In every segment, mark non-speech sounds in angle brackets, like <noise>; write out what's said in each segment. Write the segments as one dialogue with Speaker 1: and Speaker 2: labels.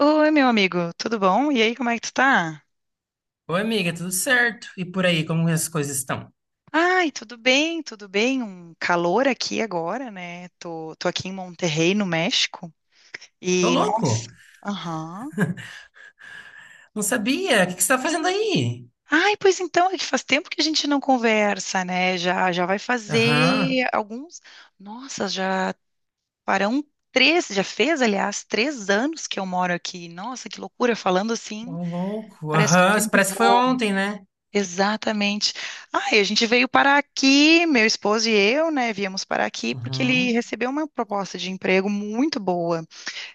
Speaker 1: Oi, meu amigo, tudo bom? E aí, como é que tu tá?
Speaker 2: Oi, amiga, tudo certo? E por aí, como as coisas estão?
Speaker 1: Ai, tudo bem, tudo bem. Um calor aqui agora, né? Tô aqui em Monterrey, no México.
Speaker 2: Tô
Speaker 1: E, nossa,
Speaker 2: louco!
Speaker 1: aham.
Speaker 2: Não sabia! O que você tá fazendo aí?
Speaker 1: Ai, pois então, é que faz tempo que a gente não conversa, né? Já, já vai
Speaker 2: Aham.
Speaker 1: fazer alguns. Nossa, já farão três, já fez, aliás, 3 anos que eu moro aqui. Nossa, que loucura! Falando
Speaker 2: Ô,
Speaker 1: assim,
Speaker 2: louco!
Speaker 1: parece que o
Speaker 2: Aham,
Speaker 1: tempo
Speaker 2: parece que foi
Speaker 1: voa.
Speaker 2: ontem, né?
Speaker 1: Exatamente. Ah, e a gente veio para aqui, meu esposo e eu, né, viemos para aqui porque ele
Speaker 2: Uhum,
Speaker 1: recebeu uma proposta de emprego muito boa,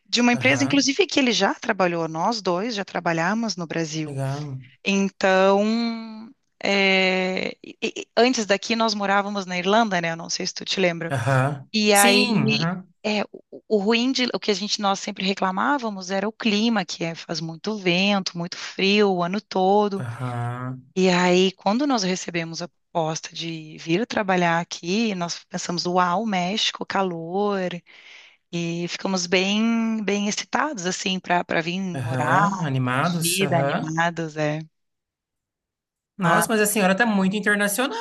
Speaker 1: de uma empresa,
Speaker 2: aham,
Speaker 1: inclusive, que ele já trabalhou, nós dois já trabalhamos no Brasil.
Speaker 2: legal.
Speaker 1: Então, é, antes daqui nós morávamos na Irlanda, né, eu não sei se tu te lembra.
Speaker 2: Aham,
Speaker 1: E
Speaker 2: sim,
Speaker 1: aí,
Speaker 2: aham,
Speaker 1: é, o ruim de, o que a gente, nós sempre reclamávamos era o clima, que é, faz muito vento, muito frio o ano todo.
Speaker 2: aham,
Speaker 1: E aí, quando nós recebemos a proposta de vir trabalhar aqui, nós pensamos, uau, México, calor, e ficamos bem, bem excitados, assim, para vir morar,
Speaker 2: aham, animados,
Speaker 1: vida,
Speaker 2: aham.
Speaker 1: animados, é. Mas,
Speaker 2: Nossa, mas a senhora tá muito internacional!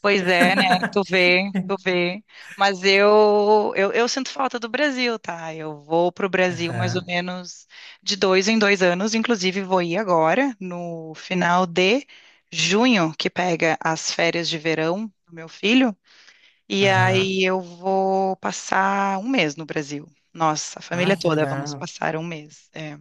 Speaker 1: pois é, né? Tu
Speaker 2: <laughs>
Speaker 1: vê, tu vê. Mas eu sinto falta do Brasil, tá? Eu vou para o Brasil mais ou
Speaker 2: Aham,
Speaker 1: menos de dois em dois anos, inclusive vou ir agora, no final de junho, que pega as férias de verão do meu filho. E
Speaker 2: aham.
Speaker 1: aí eu vou passar um mês no Brasil. Nossa, a
Speaker 2: Ah,
Speaker 1: família
Speaker 2: que
Speaker 1: toda, vamos
Speaker 2: legal,
Speaker 1: passar um mês. É,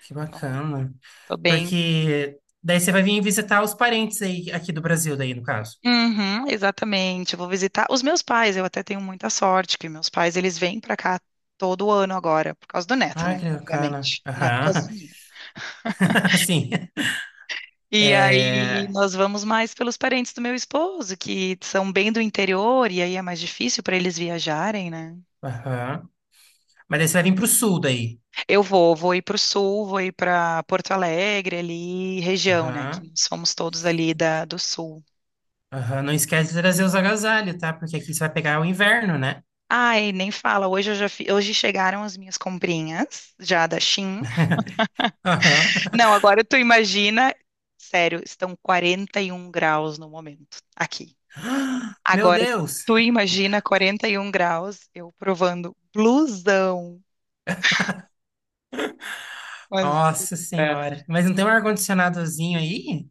Speaker 2: que
Speaker 1: então,
Speaker 2: bacana.
Speaker 1: tô bem.
Speaker 2: Porque daí você vai vir visitar os parentes aí, aqui do Brasil, daí, no caso.
Speaker 1: Uhum, exatamente. Eu vou visitar os meus pais. Eu até tenho muita sorte que meus pais, eles vêm pra cá todo ano agora, por causa do neto,
Speaker 2: Ah,
Speaker 1: né?
Speaker 2: que bacana.
Speaker 1: Obviamente, não é por causa
Speaker 2: Aham.
Speaker 1: minha.
Speaker 2: <laughs> Sim.
Speaker 1: E aí
Speaker 2: É...
Speaker 1: nós vamos mais pelos parentes do meu esposo, que são bem do interior, e aí é mais difícil para eles viajarem, né?
Speaker 2: Aham. Mas daí você vai vir pro sul daí.
Speaker 1: Eu vou ir para o sul, vou ir para Porto Alegre, ali, região, né? Que
Speaker 2: Aham.
Speaker 1: somos todos ali da, do sul.
Speaker 2: Aham. Não esquece de trazer os agasalhos, tá? Porque aqui você vai pegar o inverno, né?
Speaker 1: Ai, nem fala, hoje chegaram as minhas comprinhas, já da Shein.
Speaker 2: <laughs> Aham.
Speaker 1: Não, agora tu imagina, sério, estão 41 graus no momento, aqui.
Speaker 2: Meu
Speaker 1: Agora,
Speaker 2: Deus!
Speaker 1: tu imagina 41 graus, eu provando blusão, mas...
Speaker 2: Nossa
Speaker 1: É.
Speaker 2: Senhora. Mas não tem um ar-condicionadozinho aí?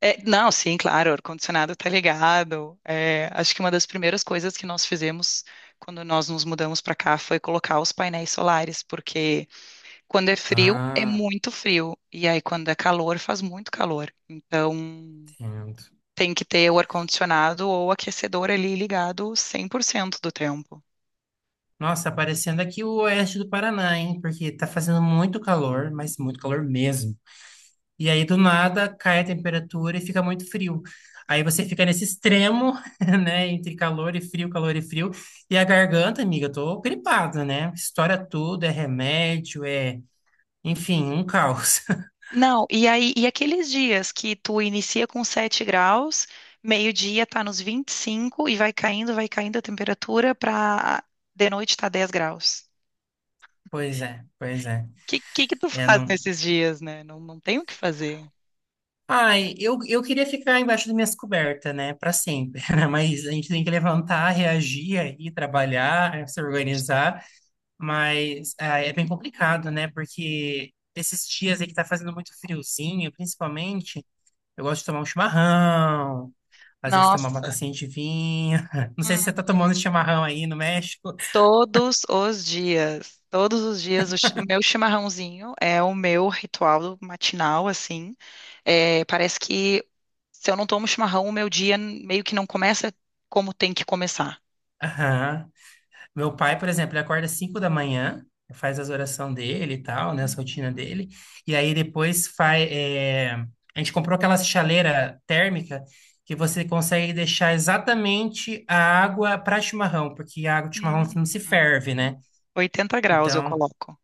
Speaker 1: É, não, sim, claro, o ar-condicionado está ligado. É, acho que uma das primeiras coisas que nós fizemos quando nós nos mudamos para cá foi colocar os painéis solares, porque quando é frio, é
Speaker 2: Ah,
Speaker 1: muito frio, e aí quando é calor, faz muito calor. Então,
Speaker 2: entendo.
Speaker 1: tem que ter o ar-condicionado ou o aquecedor ali ligado 100% do tempo.
Speaker 2: Nossa, tá parecendo aqui o oeste do Paraná, hein? Porque tá fazendo muito calor, mas muito calor mesmo. E aí, do nada, cai a temperatura e fica muito frio. Aí você fica nesse extremo, <laughs> né? Entre calor e frio, calor e frio. E a garganta, amiga, eu tô gripada, né? Estoura tudo, é remédio, é... Enfim, um caos. <laughs>
Speaker 1: Não, e aí, e aqueles dias que tu inicia com 7 graus, meio-dia tá nos 25 e vai caindo a temperatura pra de noite tá 10 graus.
Speaker 2: Pois é, pois é.
Speaker 1: Que que tu
Speaker 2: É,
Speaker 1: faz
Speaker 2: não...
Speaker 1: nesses dias, né? Não, não tem o que fazer.
Speaker 2: Ai, eu queria ficar embaixo das minhas cobertas, né? Pra sempre, <laughs> né? Mas a gente tem que levantar, reagir aí, trabalhar, se organizar. Mas é bem complicado, né? Porque esses dias aí que tá fazendo muito friozinho, principalmente, eu gosto de tomar um chimarrão, às vezes tomar uma
Speaker 1: Nossa.
Speaker 2: tacinha de vinho. <laughs> Não sei se você tá
Speaker 1: Uhum.
Speaker 2: tomando chimarrão aí no México.
Speaker 1: Todos os dias, o, o meu chimarrãozinho é o meu ritual matinal, assim. É, parece que se eu não tomo chimarrão, o meu dia meio que não começa como tem que começar.
Speaker 2: Aham. Meu pai, por exemplo, ele acorda às 5 da manhã, faz as orações dele e tal, né, a rotina dele, e aí depois faz. A gente comprou aquela chaleira térmica que você consegue deixar exatamente a água para chimarrão, porque a água de chimarrão não se ferve,
Speaker 1: Uhum.
Speaker 2: né?
Speaker 1: 80 graus eu
Speaker 2: Então,
Speaker 1: coloco.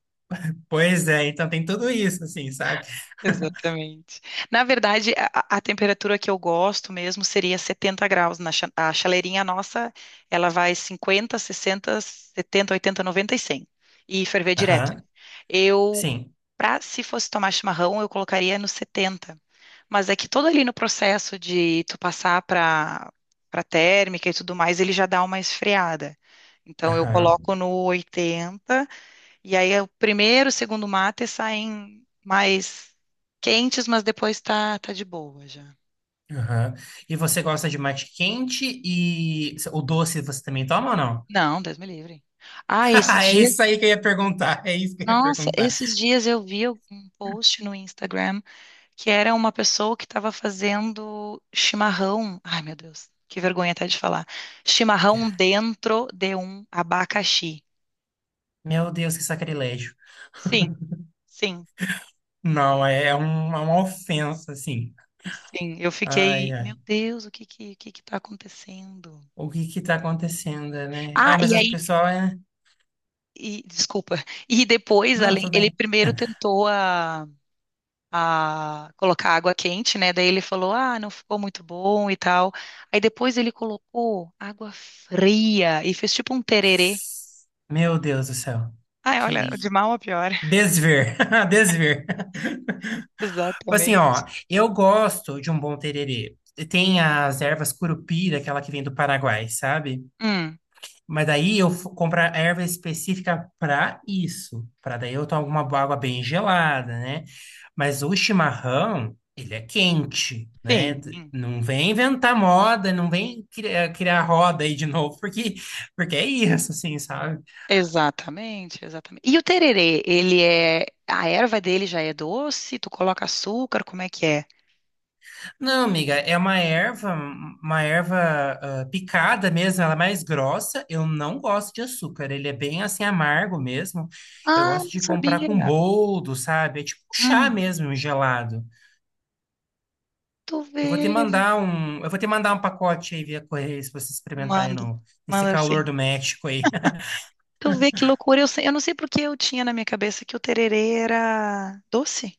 Speaker 2: pois é, então tem tudo isso, assim, sabe?
Speaker 1: Exatamente. Na verdade, a temperatura que eu gosto mesmo seria 70 graus. Na a chaleirinha nossa, ela vai 50, 60, 70, 80, 90 e 100. E ferver direto.
Speaker 2: Aham,
Speaker 1: Eu,
Speaker 2: sim.
Speaker 1: pra, se fosse tomar chimarrão, eu colocaria no 70. Mas é que todo ali no processo de tu passar para térmica e tudo mais, ele já dá uma esfriada. Então eu
Speaker 2: Aham,
Speaker 1: coloco no 80. E aí o primeiro, o segundo mate saem mais quentes, mas depois tá, tá de boa já.
Speaker 2: aham. E você gosta de mate quente e o doce você também toma ou não?
Speaker 1: Não, Deus me livre. Ah, esses
Speaker 2: <laughs> É
Speaker 1: dias,
Speaker 2: isso aí que eu ia perguntar, é isso que eu ia
Speaker 1: nossa,
Speaker 2: perguntar.
Speaker 1: esses dias eu vi um post no Instagram que era uma pessoa que estava fazendo chimarrão. Ai, meu Deus, que vergonha até de falar. Chimarrão dentro de um abacaxi.
Speaker 2: Meu Deus, que sacrilégio.
Speaker 1: Sim, sim,
Speaker 2: Não, é uma ofensa, assim.
Speaker 1: sim. Eu
Speaker 2: Ai,
Speaker 1: fiquei, meu
Speaker 2: ai.
Speaker 1: Deus, o que que tá acontecendo?
Speaker 2: O que tá acontecendo, né?
Speaker 1: Ah,
Speaker 2: Ai, mas
Speaker 1: e
Speaker 2: as
Speaker 1: aí,
Speaker 2: pessoas... é-
Speaker 1: e, desculpa. E depois,
Speaker 2: Não,
Speaker 1: além,
Speaker 2: tudo
Speaker 1: ele
Speaker 2: bem.
Speaker 1: primeiro tentou a colocar água quente, né? Daí ele falou, ah, não ficou muito bom e tal. Aí depois ele colocou água fria e fez tipo um tererê.
Speaker 2: Meu Deus do céu.
Speaker 1: Ai, olha, de
Speaker 2: Que
Speaker 1: mal a pior. <laughs>
Speaker 2: desver. <laughs> Desver. Tipo assim,
Speaker 1: Exatamente.
Speaker 2: ó, eu gosto de um bom tererê. Tem as ervas curupira, aquela que vem do Paraguai, sabe?
Speaker 1: Hum,
Speaker 2: Mas daí eu f- compro a erva específica para isso, para daí eu tomo uma água bem gelada, né? Mas o chimarrão, ele é quente, né? T-
Speaker 1: sim.
Speaker 2: Não vem inventar moda, não vem criar roda aí de <laughs> novo, porque, porque é isso, assim, sabe?
Speaker 1: Exatamente, exatamente. E o tererê, ele é. A erva dele já é doce? Tu coloca açúcar? Como é que é?
Speaker 2: Não, amiga, é uma erva, uma erva picada mesmo, ela é mais grossa. Eu não gosto de açúcar, ele é bem assim amargo mesmo. Eu
Speaker 1: Ah,
Speaker 2: gosto
Speaker 1: não
Speaker 2: de comprar
Speaker 1: sabia.
Speaker 2: com boldo, sabe? É tipo um chá
Speaker 1: Hum,
Speaker 2: mesmo, um gelado.
Speaker 1: tu
Speaker 2: Eu vou te
Speaker 1: vê.
Speaker 2: mandar um, eu vou te mandar um pacote aí via correio se você experimentar aí
Speaker 1: Manda,
Speaker 2: no, nesse
Speaker 1: manda
Speaker 2: calor
Speaker 1: assim.
Speaker 2: do México aí. <laughs>
Speaker 1: Tu vê que loucura. Eu não sei porque eu tinha na minha cabeça que o tererê era doce.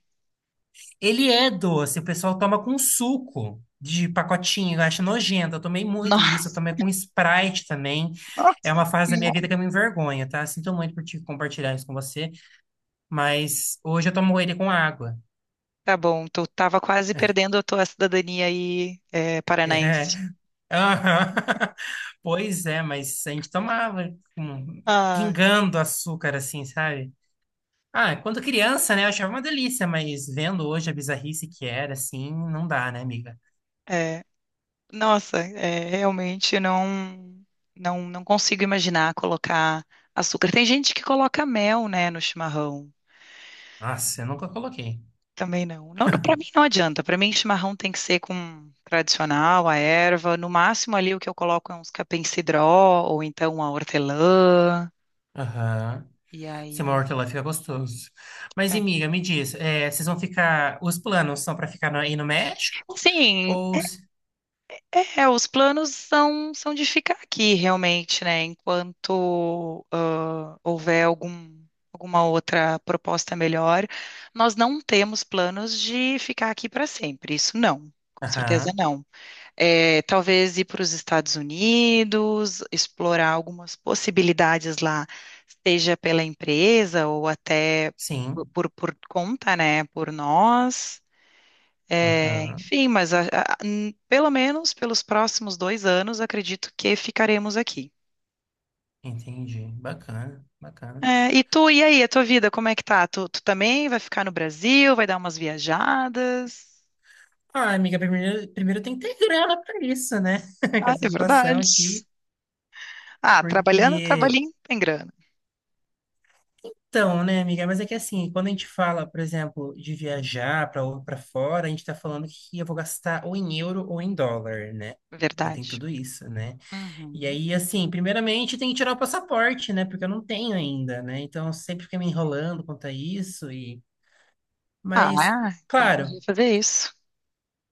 Speaker 2: Ele é doce, o pessoal toma com suco de pacotinho, eu acho nojento. Eu tomei muito
Speaker 1: Não.
Speaker 2: isso, eu tomei com Sprite também. É
Speaker 1: Nossa,
Speaker 2: uma fase da minha vida que eu me envergonho, tá? Sinto muito por te compartilhar isso com você, mas hoje eu tomo ele com água.
Speaker 1: tá bom. Tu tava quase perdendo a tua cidadania aí, é,
Speaker 2: É.
Speaker 1: paranaense.
Speaker 2: Aham. <laughs> Pois é, mas a gente tomava com-
Speaker 1: Ah,
Speaker 2: pingando açúcar assim, sabe? Ah, quando criança, né, eu achava uma delícia, mas vendo hoje a bizarrice que era, assim, não dá, né, amiga?
Speaker 1: é. Nossa, é, realmente não consigo imaginar colocar açúcar. Tem gente que coloca mel, né, no chimarrão.
Speaker 2: Nossa, eu nunca coloquei.
Speaker 1: Também não. Não, para mim não adianta. Para mim, chimarrão tem que ser com tradicional, a erva. No máximo ali o que eu coloco é uns capim-cidró ou então a hortelã.
Speaker 2: Aham.
Speaker 1: E
Speaker 2: Se uma
Speaker 1: aí,
Speaker 2: lá fica gostoso. Mas,
Speaker 1: é.
Speaker 2: e, amiga, me diz, é, vocês vão ficar... Os planos são para ficar no- aí no México?
Speaker 1: Sim,
Speaker 2: Ou... se-
Speaker 1: é, os planos são de ficar aqui realmente, né? Enquanto houver algum, alguma outra proposta melhor, nós não temos planos de ficar aqui para sempre. Isso não, com certeza
Speaker 2: Aham,
Speaker 1: não. É, talvez ir para os Estados Unidos, explorar algumas possibilidades lá, seja pela empresa ou até por,
Speaker 2: sim.
Speaker 1: por- por conta, né, por nós. É,
Speaker 2: Aham,
Speaker 1: enfim, mas pelo menos pelos próximos 2 anos, acredito que ficaremos aqui.
Speaker 2: entendi. Bacana, bacana.
Speaker 1: É, e tu, e aí, a tua vida, como é que tá? Tu também vai ficar no Brasil, vai dar umas viajadas?
Speaker 2: Ah, amiga, primeiro, primeiro tem que ter grana para isso, né? <laughs> Com
Speaker 1: Ah, é
Speaker 2: essa situação
Speaker 1: verdade.
Speaker 2: aqui,
Speaker 1: Ah, trabalhando,
Speaker 2: porque...
Speaker 1: trabalhinho tem grana.
Speaker 2: Então, né, amiga? Mas é que assim, quando a gente fala, por exemplo, de viajar para fora, a gente está falando que eu vou gastar ou em euro ou em dólar, né? Eu tenho
Speaker 1: Verdade.
Speaker 2: tudo isso, né? E
Speaker 1: Uhum.
Speaker 2: aí, assim, primeiramente tem que tirar o passaporte, né? Porque eu não tenho ainda, né? Então eu sempre fiquei me enrolando quanto a isso e, mas,
Speaker 1: Ah, então corri
Speaker 2: claro.
Speaker 1: fazer isso.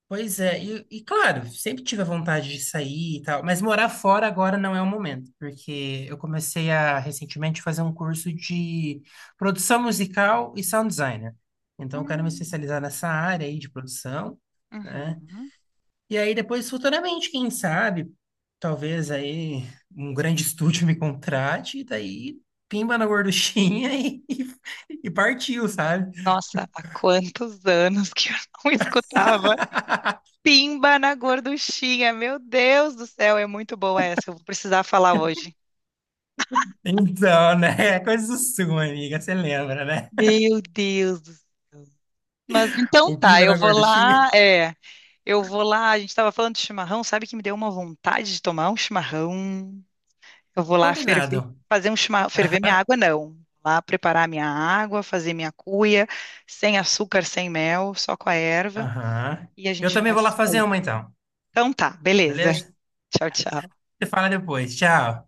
Speaker 2: Pois é, e claro, sempre tive a vontade de sair e tal, mas morar fora agora não é o momento, porque eu comecei a recentemente fazer um curso de produção musical e sound designer. Então eu quero me
Speaker 1: Hum,
Speaker 2: especializar nessa área aí de produção, né?
Speaker 1: uhum.
Speaker 2: E aí depois, futuramente, quem sabe, talvez aí um grande <laughs> estúdio me contrate, e daí pimba na gorduchinha <laughs> e partiu, sabe?
Speaker 1: Nossa, há quantos anos que eu não <laughs> escutava
Speaker 2: <laughs>
Speaker 1: Pimba na Gorduchinha. Meu Deus do céu, é muito boa essa. Eu vou precisar falar hoje.
Speaker 2: Então, né? <laughs> Coisa sua, amiga. Você lembra, né?
Speaker 1: Meu Deus. Mas então
Speaker 2: O
Speaker 1: tá,
Speaker 2: piba
Speaker 1: eu
Speaker 2: na
Speaker 1: vou
Speaker 2: gorduchinha.
Speaker 1: lá, é, eu vou lá, a gente tava falando de chimarrão, sabe que me deu uma vontade de tomar um chimarrão. Eu vou lá
Speaker 2: Combinado.
Speaker 1: ferver, ferver minha água, não. Lá preparar minha água, fazer minha cuia, sem açúcar, sem mel, só com a erva,
Speaker 2: Aham.
Speaker 1: e a
Speaker 2: Eu
Speaker 1: gente
Speaker 2: também
Speaker 1: vai
Speaker 2: vou lá
Speaker 1: se
Speaker 2: fazer
Speaker 1: falando.
Speaker 2: uma, então.
Speaker 1: Então tá, beleza. <laughs>
Speaker 2: Beleza?
Speaker 1: Tchau, tchau.
Speaker 2: Você fala depois. Tchau.